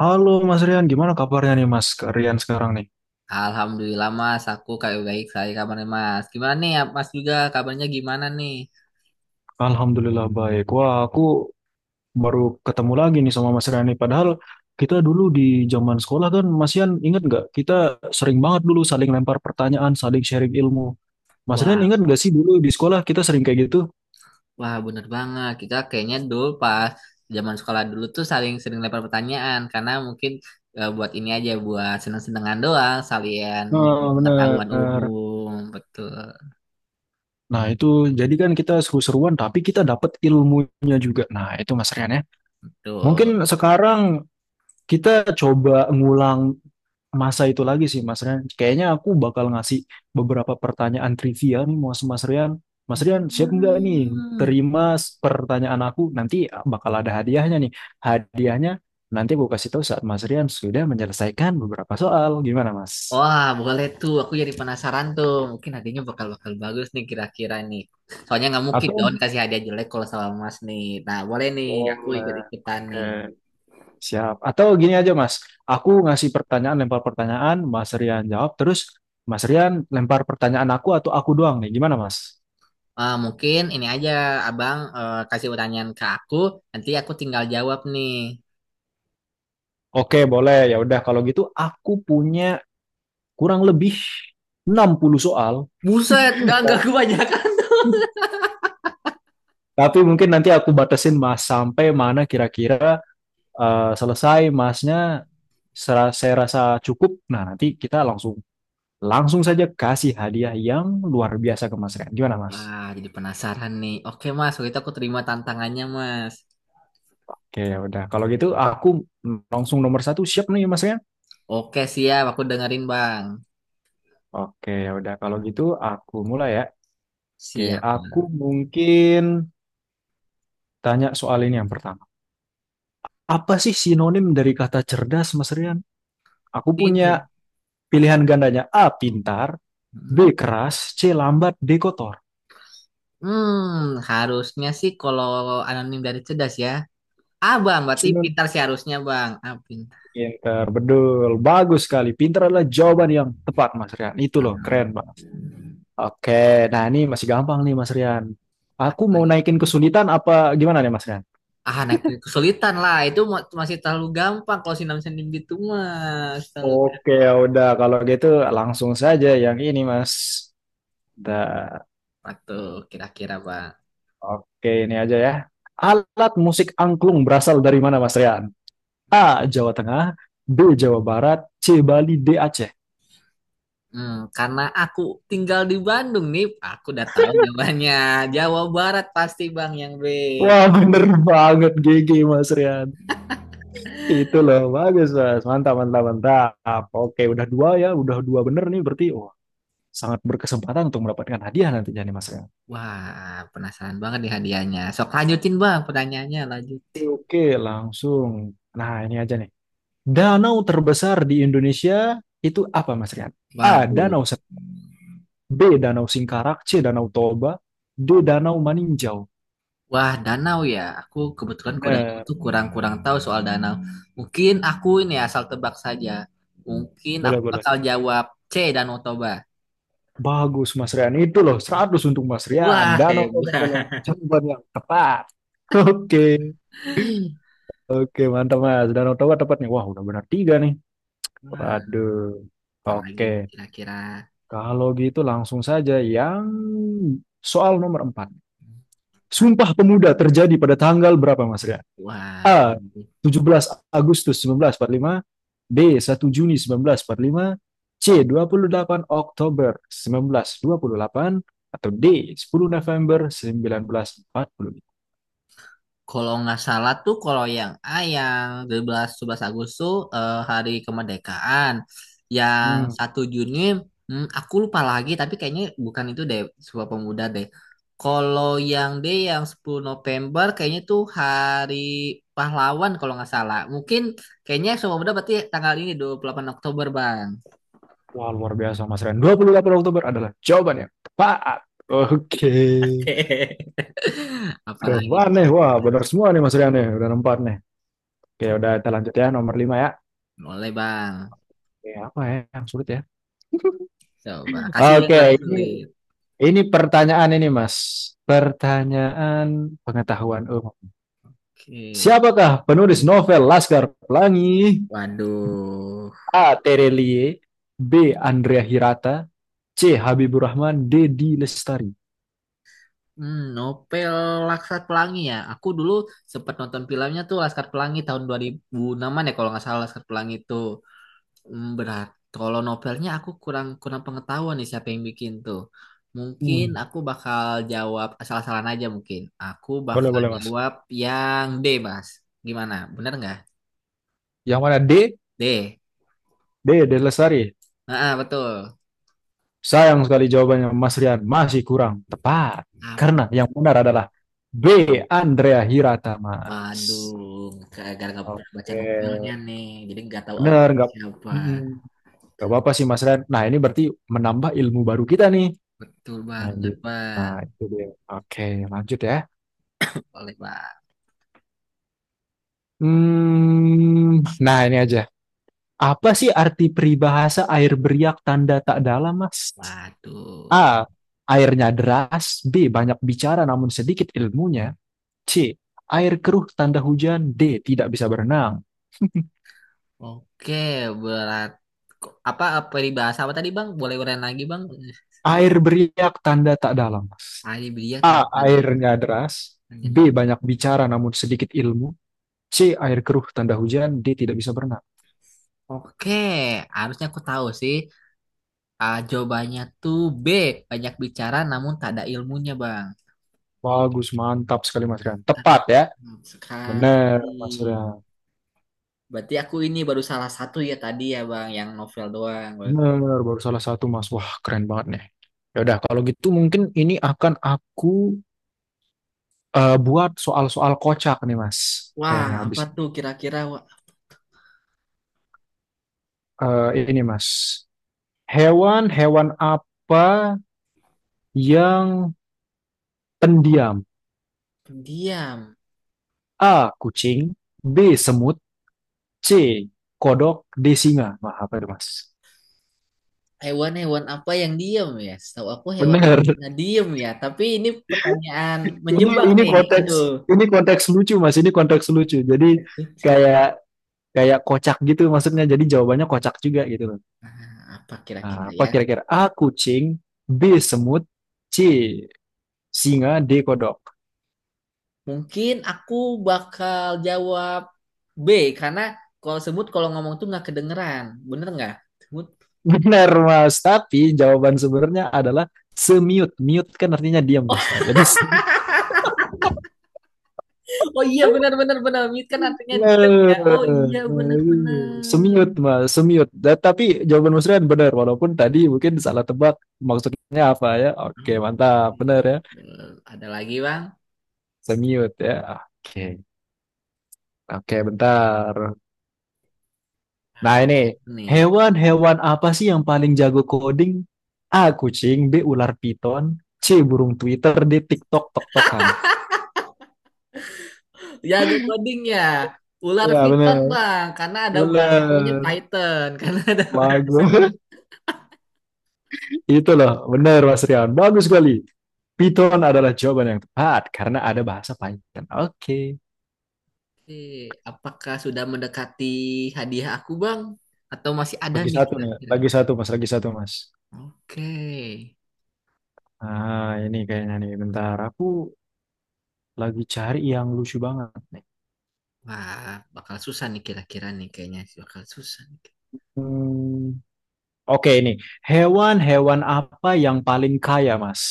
Halo Mas Rian, gimana kabarnya nih Mas Rian sekarang nih? Alhamdulillah Mas, aku kayak baik saya kabarnya Mas. Gimana nih ya, Mas juga kabarnya gimana nih? Alhamdulillah baik. Wah, aku baru ketemu lagi nih sama Mas Rian nih. Padahal kita dulu di zaman sekolah kan, Mas Rian ingat nggak? Kita sering banget dulu saling lempar pertanyaan, saling sharing ilmu. Mas Rian Wah, ingat nggak sih dulu di sekolah kita sering kayak gitu? wah, bener banget. Kita kayaknya dulu pas zaman sekolah dulu tuh saling sering lempar pertanyaan karena mungkin buat ini aja buat seneng-senengan doang, salian mengisi Nah, pengetahuan bener. umum. Betul. Nah, itu jadi kan kita seru-seruan, tapi kita dapat ilmunya juga. Nah, itu Mas Rian ya. Mungkin Tuh. sekarang kita coba ngulang masa itu lagi sih Mas Rian. Kayaknya aku bakal ngasih beberapa pertanyaan trivia nih mau sama Mas Rian. Mas Rian siap nggak nih Hmm. terima pertanyaan aku? Nanti bakal ada hadiahnya nih. Hadiahnya nanti aku kasih tahu saat Mas Rian sudah menyelesaikan beberapa soal. Gimana Mas? Wah, boleh tuh. Aku jadi penasaran tuh. Mungkin hadiahnya bakal-bakal bagus nih kira-kira nih. Soalnya nggak mungkin dong Atau kasih hadiah jelek kalau sama Mas nih. Nah, boleh nih. Aku boleh. ikut-ikutan Oke, nih. siap. Atau gini aja Mas, aku ngasih pertanyaan, lempar pertanyaan, Mas Rian jawab, terus Mas Rian lempar pertanyaan aku atau aku doang nih. Gimana Mas? Ah, mungkin ini aja Abang kasih pertanyaan ke aku. Nanti aku tinggal jawab nih. Oke, boleh. Ya udah kalau gitu aku punya kurang lebih 60 soal. Buset, nggak kebanyakan. Tapi mungkin nanti aku batasin Mas sampai mana kira-kira selesai Masnya saya rasa cukup. Nah, nanti kita langsung langsung saja kasih hadiah yang luar biasa ke Mas Rian. Gimana, Mas? Wah, jadi penasaran nih. Oke Mas, waktu itu aku terima tantangannya Mas. Oke, ya udah. Kalau gitu aku langsung nomor 1, siap nih Mas Rian. Oke siap, aku dengerin Bang. Oke, ya udah. Kalau gitu aku mulai ya. Oke, Siap aku Bang. mungkin tanya soal ini yang pertama. Apa sih sinonim dari kata cerdas, Mas Rian? Aku punya Tin. pilihan gandanya. A. Pintar. B. Hmm? Keras. C. Lambat. D. Kotor. Hmm, harusnya sih kalau anonim dari cerdas ya. Ah, Bang, berarti Sinonim pintar sih harusnya, Bang. Ah, pintar. pintar. Betul. Bagus sekali. Pintar adalah jawaban yang tepat, Mas Rian. Itu loh. Ah, Keren, Pak. Oke. Nah, ini masih gampang nih, Mas Rian. apa Aku mau lagi? naikin kesulitan apa gimana nih, Mas Rian? Ah, anak kesulitan lah. Itu masih terlalu gampang kalau sinam sendim gitu mah. Terlalu Oke, udah. Kalau gitu langsung saja yang ini, Mas. Udah. apa tuh kira-kira, Bang? Oke, ini aja ya. Alat musik angklung berasal dari mana, Mas Rian? A. Jawa Tengah. B. Jawa Barat. C. Bali. D. Aceh. Hmm, karena aku tinggal di Bandung nih, aku udah tahu jawabannya. Jawa Barat pasti, Bang, yang B. Wah bener banget, GG Mas Rian. Itu loh bagus Mas. Mantap mantap mantap. Oke, udah dua ya. Udah dua bener nih, berarti. Wah, sangat berkesempatan untuk mendapatkan hadiah nantinya nih Mas Rian. Wah, penasaran banget nih hadiahnya. Sok lanjutin, Bang, pertanyaannya lanjut. Oke, oke, langsung. Nah, ini aja nih. Danau terbesar di Indonesia itu apa Mas Rian? A. Waduh, Danau Sek. B. Danau Singkarak. C. Danau Toba. D. Danau Maninjau. wah, danau ya. Aku kebetulan kalau danau Bener, tuh kurang-kurang tahu soal danau. Mungkin aku ini asal tebak saja. Mungkin boleh, aku boleh. bakal jawab C, Danau Toba. Bagus Mas Rian, itu loh, 100 untuk Mas Rian. Wah, Danau Toba adalah hebat. jawaban yang tepat. Oke, oke mantap Mas. Danau Toba tepatnya. Wah udah benar tiga nih. Wah, Waduh. apalagi Oke, nih kira-kira kalau gitu langsung saja yang soal nomor 4. empat Sumpah Pemuda terjadi pada tanggal berapa Mas Rian? kuat. A. 17 Agustus 1945, B. 1 Juni 1945, C. 28 Oktober 1928, atau D. 10 November 1945. Kalau nggak salah tuh kalau yang A yang 12 11 Agustus hari kemerdekaan. Yang Hmm. 1 Juni hmm, aku lupa lagi tapi kayaknya bukan itu deh Sumpah Pemuda deh. Kalau yang D yang 10 November kayaknya tuh hari pahlawan kalau nggak salah. Mungkin kayaknya Sumpah Pemuda berarti tanggal ini 28 Oktober, Bang. Wah luar biasa Mas Ren, 28 Oktober adalah jawaban yang tepat. Oke. Oke. Keren Apalagi banget nih nih. Wah kira-kira. benar semua nih Mas Rian nih. Udah empat nih. Oke udah, kita lanjut ya nomor 5 ya. Boleh, Bang. Oke, apa ya yang sulit ya? Coba kasih yang Oke, rada ini sulit. Ini pertanyaan ini, Mas. Pertanyaan pengetahuan umum. Oke. Siapakah penulis novel Laskar Pelangi? Waduh, A. Terelie. B. Andrea Hirata. C. Habibur Rahman. D. D. Lestari. hmm, novel Laskar Pelangi ya. Aku dulu sempat nonton filmnya tuh Laskar Pelangi tahun 2006-an ya kalau nggak salah Laskar Pelangi itu. Hmm, berat. Kalau novelnya aku kurang kurang pengetahuan nih siapa yang bikin tuh. Mungkin Hmm, aku bakal jawab asal-asalan aja mungkin. Aku boleh, bakal boleh, Mas. jawab yang D, Mas. Gimana? Bener nggak? Yang mana D? D. D. D. Lestari. Ah, betul. Sayang sekali jawabannya, Mas Rian. Masih kurang tepat. Ah, Karena yang benar adalah B. Andrea Hirata, waduh, Mas. gara-gara nggak pernah baca Oke. novelnya nih, jadi nggak tahu Benar, autornya nggak? siapa. mm Gak apa-apa sih Mas Ren. Nah ini berarti menambah ilmu baru kita nih. Betul Nah, ini, banget, nah Bang. itu dia. Oke, lanjut ya. Boleh, Bang. Nah ini aja. Apa sih arti peribahasa air beriak tanda tak dalam Mas? Waduh. A. Airnya deras. B. Banyak bicara namun sedikit ilmunya. C. Air keruh tanda hujan. D. Tidak bisa berenang. Oke, berat. Apa, apa peribahasa apa tadi, Bang? Boleh uren lagi, Bang? Air beriak tanda tak dalam Mas. Tadi beliau A. tanpa dengar. Airnya deras. B. Banyak bicara namun sedikit ilmu. Si air keruh tanda hujan, dia tidak bisa berenang. Oke, harusnya aku tahu sih. Ah, jawabannya tuh B. Banyak bicara namun tak ada ilmunya, Bang. Bagus, mantap sekali Mas Rian. Tepat Sangat ya. benar Bener, sekali. Mas Rian. Berarti aku ini baru salah satu ya tadi ya, Bang, yang novel doang. Bener, baru salah satu Mas. Wah, keren banget nih. Ya udah, kalau gitu mungkin ini akan aku buat soal-soal kocak nih Mas. Wah, Kayaknya apa habis. tuh kira-kira? Wah, Eh, ini Mas. Hewan-hewan apa yang pendiam? diam. A. Kucing. B. Semut. C. Kodok. D. Singa. Wah, apa itu Mas? Hewan-hewan apa yang diem ya? Setahu aku hewan Bener. nah diem ya. Tapi ini pertanyaan Ini menjebak ini nih. konteks, Aduh, ini konteks lucu Mas, ini konteks lucu. Jadi lucu. kayak kayak kocak gitu maksudnya. Jadi jawabannya kocak juga gitu loh. Nah, apa kira-kira Nah, apa ya? kira-kira? A kucing, B semut, C singa, D kodok. Mungkin aku bakal jawab B karena kalau semut kalau ngomong tuh nggak kedengeran. Bener nggak? Semut. Benar Mas, tapi jawaban sebenarnya adalah semiut. Mute kan artinya diam Mas. Nah, jadi. Oh iya bener bener bener. Mute kan artinya diam ya. Oh iya bener bener. Semiut mas, semiut. Tapi jawaban Mas Rian benar, walaupun tadi mungkin salah tebak maksudnya apa ya. Oke, mantap, benar ya. Ada lagi bang? Semut ya. Oke. Oke, bentar. Nah, ini Nih. hewan-hewan apa sih yang paling jago coding? A. Kucing. B. Ular piton. C. Burung Twitter. D. TikTok tok-tokan. Jago coding ya. Ular Ya, Python bener. bang, karena ada bahasa namanya Bener. Python, karena ada bahasa. Bagus. Itu loh, bener Mas Rian. Bagus sekali. Python adalah jawaban yang tepat karena ada bahasa Python. Oke. Oke, apakah sudah mendekati hadiah aku bang? Atau masih ada Lagi nih satu nih, kira-kira lagi nih? satu Mas, lagi satu Mas. Oke, Ah, ini kayaknya nih, bentar. Aku lagi cari yang lucu banget nih. wah bakal susah nih kira-kira nih kayaknya bakal susah nih. Hmm, Oke ini, hewan-hewan apa yang paling kaya, Mas?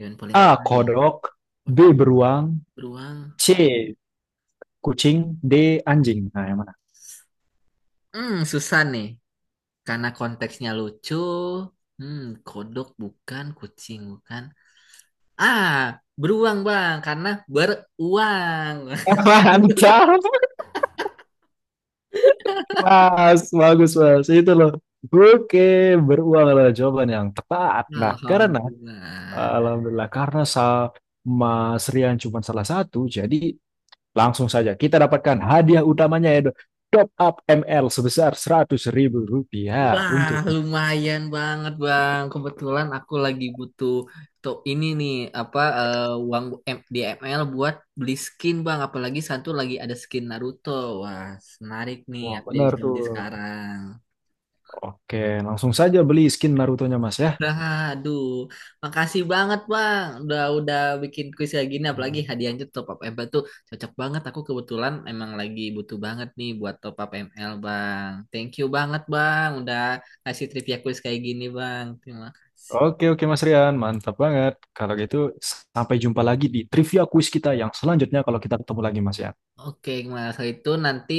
Yang paling A. kaya, Kodok. B. pondok Beruang. beruang. C. Kucing. D. Anjing. Nah, yang mana? Hmm, susah nih, karena konteksnya lucu. Hmm, kodok bukan, kucing bukan. Ah, beruang bang, karena beruang. Mantap, Mas. Bagus, Mas. Itu loh. Oke, beruang adalah jawaban yang tepat. Nah, karena, Alhamdulillah. Alhamdulillah, karena Mas Rian cuma salah satu, jadi langsung saja kita dapatkan hadiah utamanya yaitu top up ML sebesar Rp100.000 Wah, untuk. lumayan banget, Bang. Kebetulan aku lagi butuh tuh ini nih apa uang di ML buat beli skin, Bang. Apalagi satu lagi ada skin Naruto. Wah, menarik nih. Wah, Aku jadi benar bisa tuh. beli sekarang. Oke, langsung saja beli skin Naruto-nya Mas ya. Nah, aduh, makasih banget Bang. Udah bikin kuis kayak gini apalagi hadiahnya tuh top up m ML tuh cocok banget. Aku kebetulan emang lagi butuh banget nih buat top up M-L Bang. Thank you banget Bang udah kasih trivia kuis kayak gini Bang. Terima kasih. Oke, oke Mas Rian, mantap banget. Kalau gitu sampai jumpa lagi di trivia quiz kita yang selanjutnya kalau kita ketemu lagi Mas ya. Oke, kalau itu nanti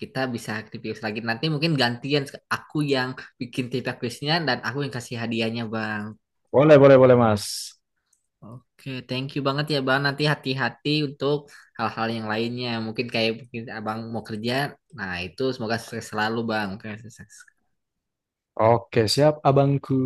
kita bisa trivia kuis lagi. Nanti mungkin gantian aku yang bikin trivia kuisnya dan aku yang kasih hadiahnya Bang. Boleh, boleh, boleh Mas. Oke, thank you banget ya Bang. Nanti hati-hati untuk hal-hal yang lainnya. Mungkin kayak mungkin Abang mau kerja. Nah, itu semoga sukses selalu Bang. Oke, sukses. Oke, siap abangku.